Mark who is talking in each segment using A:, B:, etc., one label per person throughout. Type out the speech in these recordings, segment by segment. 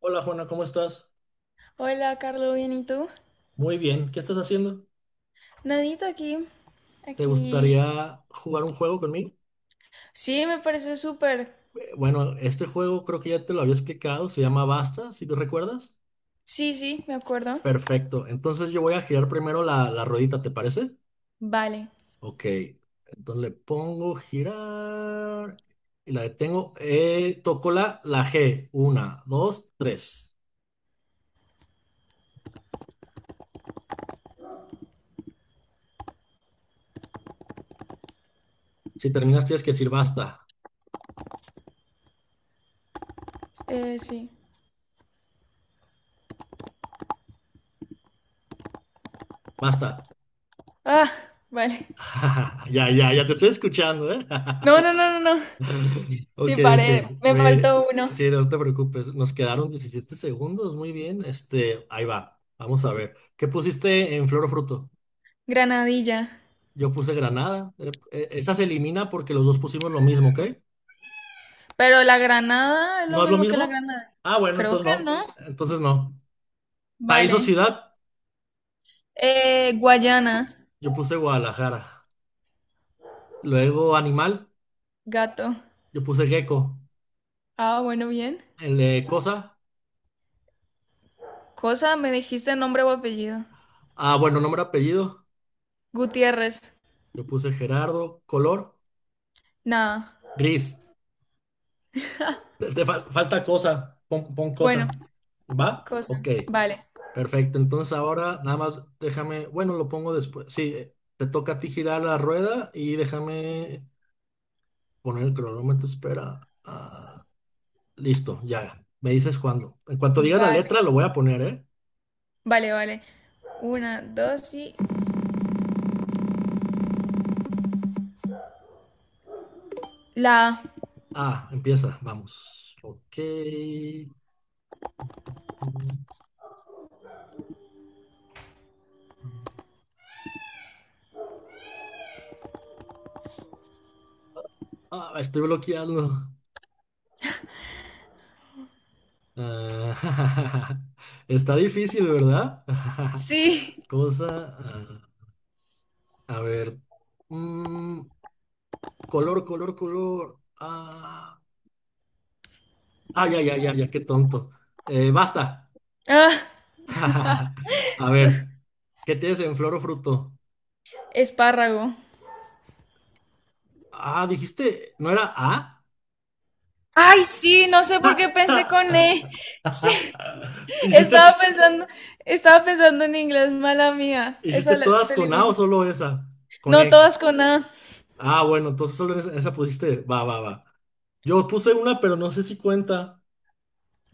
A: Hola Juana, ¿cómo estás?
B: Hola, Carlos, ¿bien y tú?
A: Muy bien, ¿qué estás haciendo?
B: Nadito aquí,
A: ¿Te
B: aquí.
A: gustaría jugar un juego conmigo?
B: Sí, me parece súper.
A: Bueno, este juego creo que ya te lo había explicado, se llama Basta, si tú recuerdas.
B: Sí, sí, me acuerdo.
A: Perfecto, entonces yo voy a girar primero la ruedita, ¿te parece?
B: Vale,
A: Ok, entonces le pongo girar y la detengo. Toco la G, una, dos, tres. Si terminas tienes que decir basta,
B: sí.
A: basta.
B: Ah, vale.
A: Ya, ya, ya te estoy escuchando, ¿eh?
B: No, no, no, no, no. Sí,
A: Ok, ok.
B: paré, me
A: Ve,
B: faltó uno.
A: sí, no te preocupes. Nos quedaron 17 segundos. Muy bien. Este, ahí va. Vamos a ver. ¿Qué pusiste en flor o fruto?
B: Granadilla.
A: Yo puse granada. Esa se elimina porque los dos pusimos lo mismo, ¿ok?
B: Pero la granada es lo
A: ¿No es lo
B: mismo que la
A: mismo?
B: granada.
A: Ah, bueno,
B: Creo
A: entonces
B: que
A: no.
B: no.
A: Entonces no. País o
B: Vale.
A: ciudad,
B: Guayana,
A: yo puse Guadalajara. Luego animal,
B: gato.
A: yo puse gecko.
B: Ah, bueno, bien.
A: El de cosa,
B: Cosa, me dijiste nombre o apellido.
A: ah, bueno, nombre, apellido,
B: Gutiérrez.
A: yo puse Gerardo. Color,
B: Nada.
A: gris. Te falta cosa, pon, pon
B: Bueno,
A: cosa. ¿Va?
B: cosa.
A: Ok,
B: Vale.
A: perfecto. Entonces ahora nada más déjame, bueno, lo pongo después. Sí, te toca a ti girar la rueda y déjame poner el cronómetro. Espera. Ah, listo, ya. Me dices cuándo. En cuanto diga la
B: Vale,
A: letra, lo voy a poner, ¿eh?
B: vale, vale. Una, dos y... La... A.
A: Ah, empieza, vamos. Ok. Ah, me estoy bloqueando. Ah, está difícil, ¿verdad?
B: Sí.
A: Cosa. Ah. A ver. mm, color, color, color. Ah, ah, ya, ya, ya, ya, qué tonto. Basta.
B: Ah,
A: A ver. ¿Qué tienes en flor o fruto?
B: espárrago.
A: Ah, dijiste, ¿no era A?
B: Ay, sí, no sé por qué pensé con E. Sí,
A: ¿Tú
B: estaba
A: ¿Hiciste,
B: pensando, estaba pensando en inglés, mala mía.
A: hiciste todas
B: Se
A: con A
B: elimina.
A: o solo esa? Con
B: No,
A: E.
B: todas con A.
A: Ah, bueno, entonces solo esa, esa pusiste. Va, va, va. Yo puse una, pero no sé si cuenta.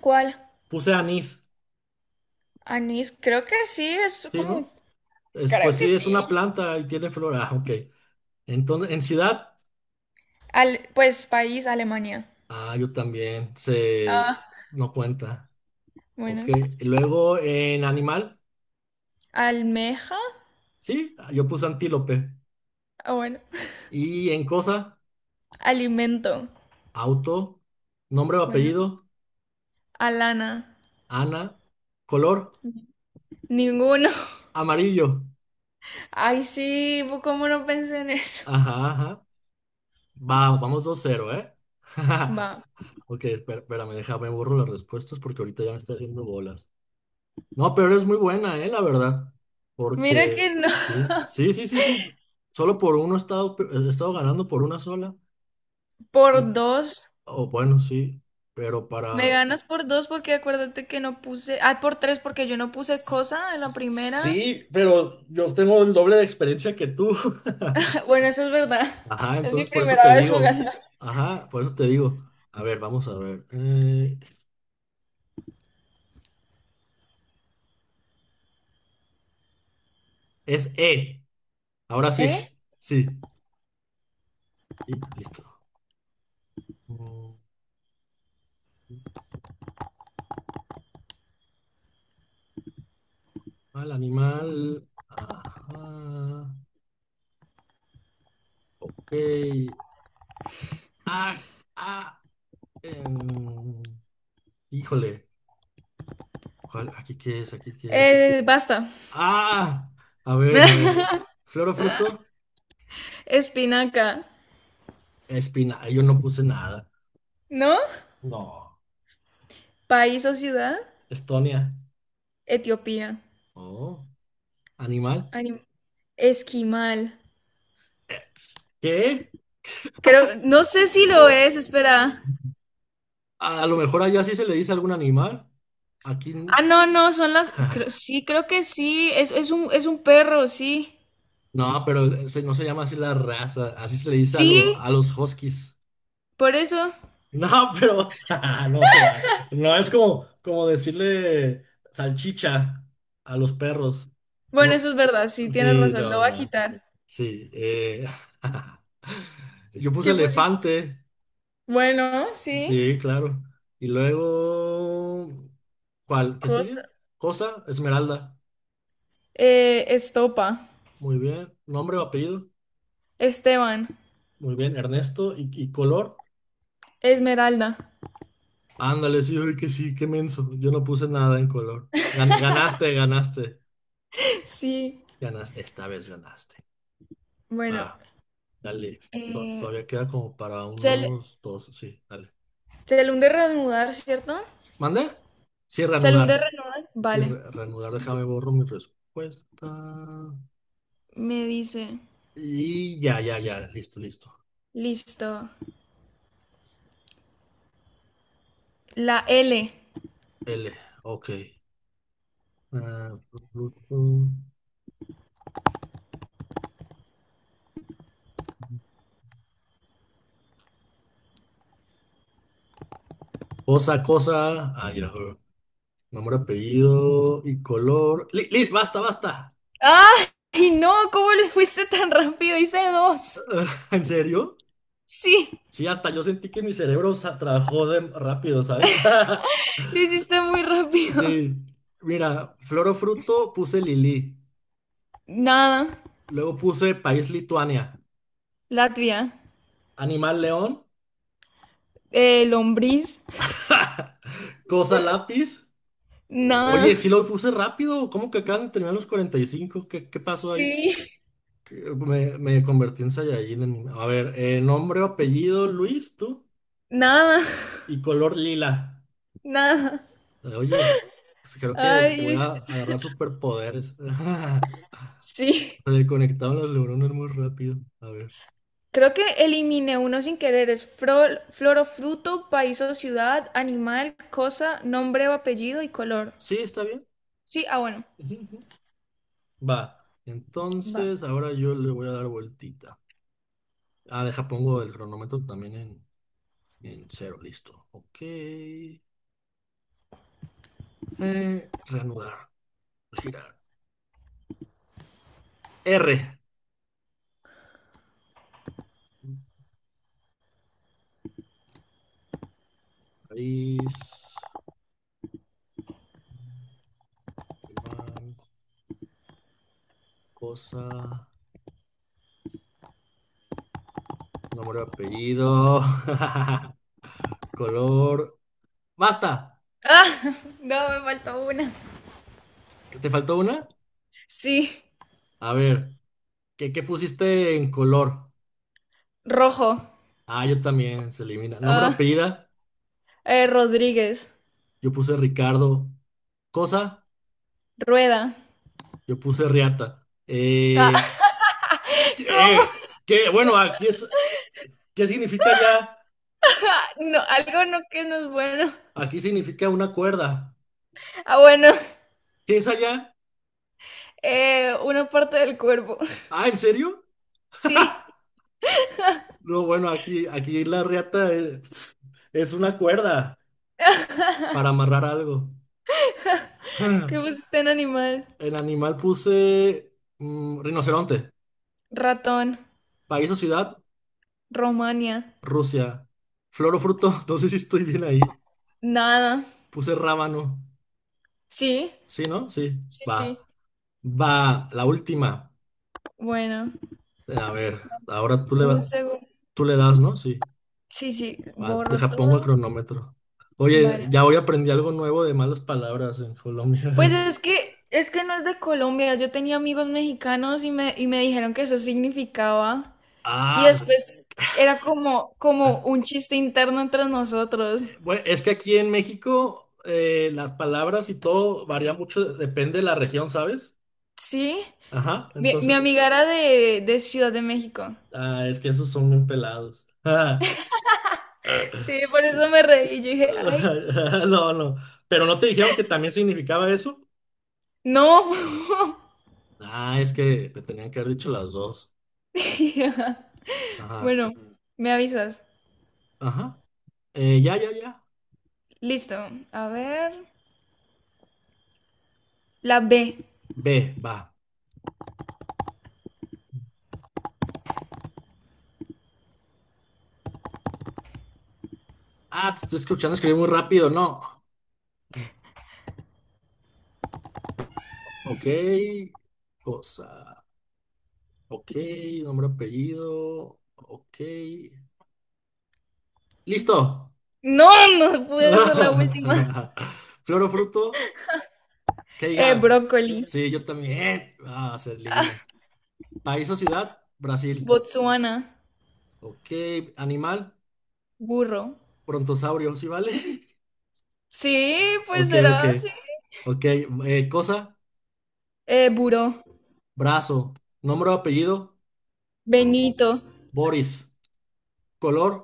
B: ¿Cuál?
A: Puse anís,
B: Anís, creo que sí, es
A: ¿sí,
B: como...
A: no? Es,
B: Creo
A: pues
B: que
A: sí,
B: sí.
A: es una planta y tiene flor. Ah, ok. Entonces, en ciudad,
B: Al... Pues país, Alemania.
A: ah, yo también,
B: Ah,
A: no cuenta, ok.
B: bueno.
A: Y luego en animal,
B: Almeja.
A: sí, ah, yo puse antílope.
B: Ah, bueno.
A: Y en cosa,
B: Alimento.
A: auto, nombre o
B: Bueno.
A: apellido,
B: Alana.
A: Ana, color,
B: Ninguno.
A: amarillo.
B: Ay, sí, pues, ¿cómo no pensé en eso?
A: Ajá, ajá. Va, vamos 2-0, ¿eh?
B: Va.
A: Ok, espera, espérame, déjame borro las respuestas porque ahorita ya me está haciendo bolas. No, pero es muy buena, la verdad.
B: Mira
A: Porque
B: que no.
A: sí, sí, sí, sí, sí. Solo por uno he estado, he estado ganando por una sola.
B: Por
A: Y,
B: dos.
A: o bueno, sí. Pero
B: Me
A: para.
B: ganas por dos porque acuérdate que no puse. Ah, por tres porque yo no puse
A: S-
B: cosa en la primera.
A: Sí, pero yo tengo el doble de experiencia que tú.
B: Bueno, eso es verdad.
A: Ajá,
B: Es mi
A: entonces por eso te
B: primera vez
A: digo.
B: jugando.
A: Ajá, por eso te digo. A ver, vamos a ver. Es E. Ahora sí.
B: ¿Eh?
A: Sí. Y listo. Mm, Al animal. Ajá. Ok. Ah, ah, em, híjole, aquí qué es, aquí qué es.
B: Basta.
A: Ah, a ver, a ver. Flor o fruto,
B: Espinaca.
A: espina. Ay, yo no puse nada.
B: ¿No?
A: No.
B: País o ciudad.
A: Estonia.
B: Etiopía.
A: Oh, animal.
B: Anim- Esquimal.
A: Eh, ¿Qué?
B: Creo, no sé si lo es, espera.
A: A lo mejor allá sí se le dice algún animal. Aquí.
B: Ah, no, no, son las. Sí, creo que sí. Es, es un perro, sí.
A: No, pero no se llama así la raza. Así se le dice a, lo-
B: Sí,
A: a los huskies.
B: por eso.
A: No, pero no se va. No es como, decirle salchicha a los perros. No,
B: Bueno, eso es verdad, sí, tienes
A: sí,
B: razón. Lo
A: no,
B: voy a
A: no.
B: quitar.
A: Sí. Yo puse
B: ¿Qué pusiste?
A: elefante.
B: Bueno, sí.
A: Sí, claro. Y luego, ¿cuál? ¿Qué sigue?
B: Cosa.
A: Cosa, Esmeralda.
B: Estopa.
A: Muy bien. Nombre o apellido.
B: Esteban.
A: Muy bien. Ernesto. ¿Y color?
B: Esmeralda.
A: Ándale, sí, ay, que sí, qué menso. Yo no puse nada en color. Ganaste, ganaste.
B: Sí.
A: Ganas, esta vez ganaste.
B: Bueno.
A: Va, dale.
B: Eh,
A: Todavía queda como para
B: se, le,
A: unos dos, sí, dale.
B: se le hunde reanudar, ¿cierto?
A: ¿Mande? Sí,
B: Se le hunde
A: reanudar.
B: reanudar.
A: Sí,
B: Vale.
A: reanudar, déjame borro mi respuesta.
B: Me dice.
A: Y ya, ya, ya, listo, listo.
B: Listo. La L.
A: L, ok. Ah, cosa, cosa. Ah, ya, Nombre, apellido y color. Basta, basta.
B: ¡Ay, no! ¿Cómo le fuiste tan rápido? Hice dos.
A: ¿En serio?
B: Sí,
A: Sí, hasta yo sentí que mi cerebro trabajó de rápido, ¿sabes?
B: lo hiciste muy rápido.
A: Sí, mira, flor o fruto puse Lili,
B: Nada,
A: luego puse país Lituania,
B: Latvia.
A: animal león,
B: Lombriz,
A: cosa lápiz.
B: nada.
A: Oye, sí lo puse rápido, ¿cómo que acaban de terminar los 45? ¿Qué pasó ahí?
B: Sí,
A: Que me convertí en Saiyajin. A ver, nombre o apellido Luis, tú,
B: nada,
A: y color lila.
B: nada.
A: Oye, pues creo que
B: Ay, lo
A: voy a
B: hiciste-
A: agarrar superpoderes.
B: Sí.
A: Se le conectaron los neuronas muy rápido. A ver.
B: Creo que eliminé uno sin querer. Es flor o fruto, país o ciudad, animal, cosa, nombre o apellido y color.
A: Sí, está bien.
B: Sí, ah, bueno.
A: Va.
B: Va.
A: Entonces, ahora yo le voy a dar vueltita. Ah, deja, pongo el cronómetro también en cero. Listo. Ok. Reanudar. Girar. R. País. Animal, cosa. Nombre, apellido. Color. ¡Basta!
B: Ah, no, me faltó una.
A: ¿Que ¿Te faltó una?
B: Sí,
A: A ver. ¿Qué pusiste en color?
B: rojo.
A: Ah, yo también. Se elimina. Nombre,
B: Ah,
A: apellido.
B: Rodríguez.
A: Yo puse Ricardo. Cosa.
B: Rueda.
A: Yo puse riata.
B: Ah, ¿cómo?
A: ¿Qué? Bueno, aquí es, ¿qué significa allá?
B: Ah, no, algo no que no es bueno.
A: Aquí significa una cuerda.
B: Ah, bueno,
A: ¿Qué es allá?
B: una parte del cuerpo.
A: Ah, ¿en serio?
B: Sí,
A: No, bueno, aquí la riata es, una cuerda para amarrar algo.
B: que pusiste en animal.
A: El animal puse rinoceronte.
B: Ratón,
A: País o ciudad,
B: Romania,
A: Rusia. Flor o fruto, no sé si estoy bien ahí.
B: nada.
A: Puse rábano.
B: Sí,
A: ¿Sí, no? Sí.
B: sí, sí.
A: Va. Va, la última.
B: Bueno,
A: A ver, ahora tú le
B: un
A: vas.
B: segundo.
A: Tú le das, ¿no? Sí.
B: Sí, sí,
A: Va,
B: borro
A: deja, pongo el
B: todo.
A: cronómetro. Oye,
B: Vale.
A: ya hoy aprendí algo nuevo de malas palabras en Colombia.
B: Pues es que no es de Colombia. Yo tenía amigos mexicanos y y me dijeron que eso significaba. Y
A: Ah,
B: después era como, como un chiste interno entre nosotros.
A: bueno, es que aquí en México las palabras y todo varía mucho, depende de la región, ¿sabes?
B: ¿Sí?
A: Ajá,
B: Mi
A: entonces,
B: amiga era de Ciudad de México.
A: ah, es que esos son bien pelados. Ah,
B: Sí, por eso me reí. Yo dije, ay,
A: no, no, pero no te dijeron que también significaba eso.
B: no.
A: Ah, es que te tenían que haber dicho las dos. Ajá,
B: Bueno, me avisas.
A: ajá. Ya, ya, ya.
B: Listo. A ver. La B.
A: Ve, va. Ah, te estoy escuchando escribir muy rápido, no. Ok, cosa. Ok, nombre, apellido. Ok. ¡Listo!
B: No, no pude ser la última.
A: Flor o fruto, que diga.
B: Brócoli.
A: Sí, yo también. Ah, se adivina. País o ciudad, Brasil.
B: Botsuana.
A: Ok, animal,
B: Burro.
A: brontosaurio, ¿sí vale?
B: Sí, pues
A: Ok, ok.
B: será, sí.
A: Ok, cosa,
B: Buró.
A: brazo. Nombre o apellido,
B: Benito.
A: Boris. Color,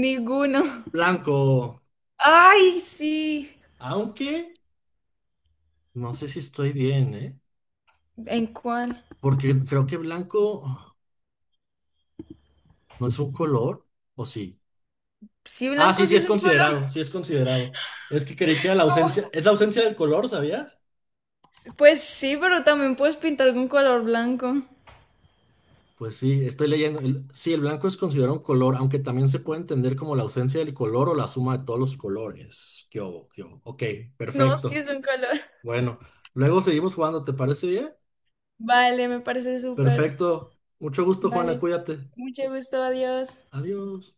B: Ninguno.
A: blanco.
B: Ay, sí.
A: Aunque. No sé si estoy bien, ¿eh?
B: ¿En cuál?
A: Porque creo que blanco no es un color, ¿o sí?
B: Sí,
A: Ah, sí,
B: blanco
A: sí
B: sí
A: es
B: es un color.
A: considerado, sí es considerado. Es que creí que era la ausencia, es la ausencia del color, ¿sabías?
B: Pues sí, pero también puedes pintar con color blanco.
A: Pues sí, estoy leyendo. Sí, el blanco es considerado un color, aunque también se puede entender como la ausencia del color o la suma de todos los colores. ¿Qué hubo? ¿Qué hubo? Ok,
B: No, sí
A: perfecto.
B: es un color.
A: Bueno, luego seguimos jugando, ¿te parece bien?
B: Vale, me parece súper.
A: Perfecto. Mucho gusto, Juana,
B: Vale.
A: cuídate.
B: Mucho gusto, adiós.
A: Adiós.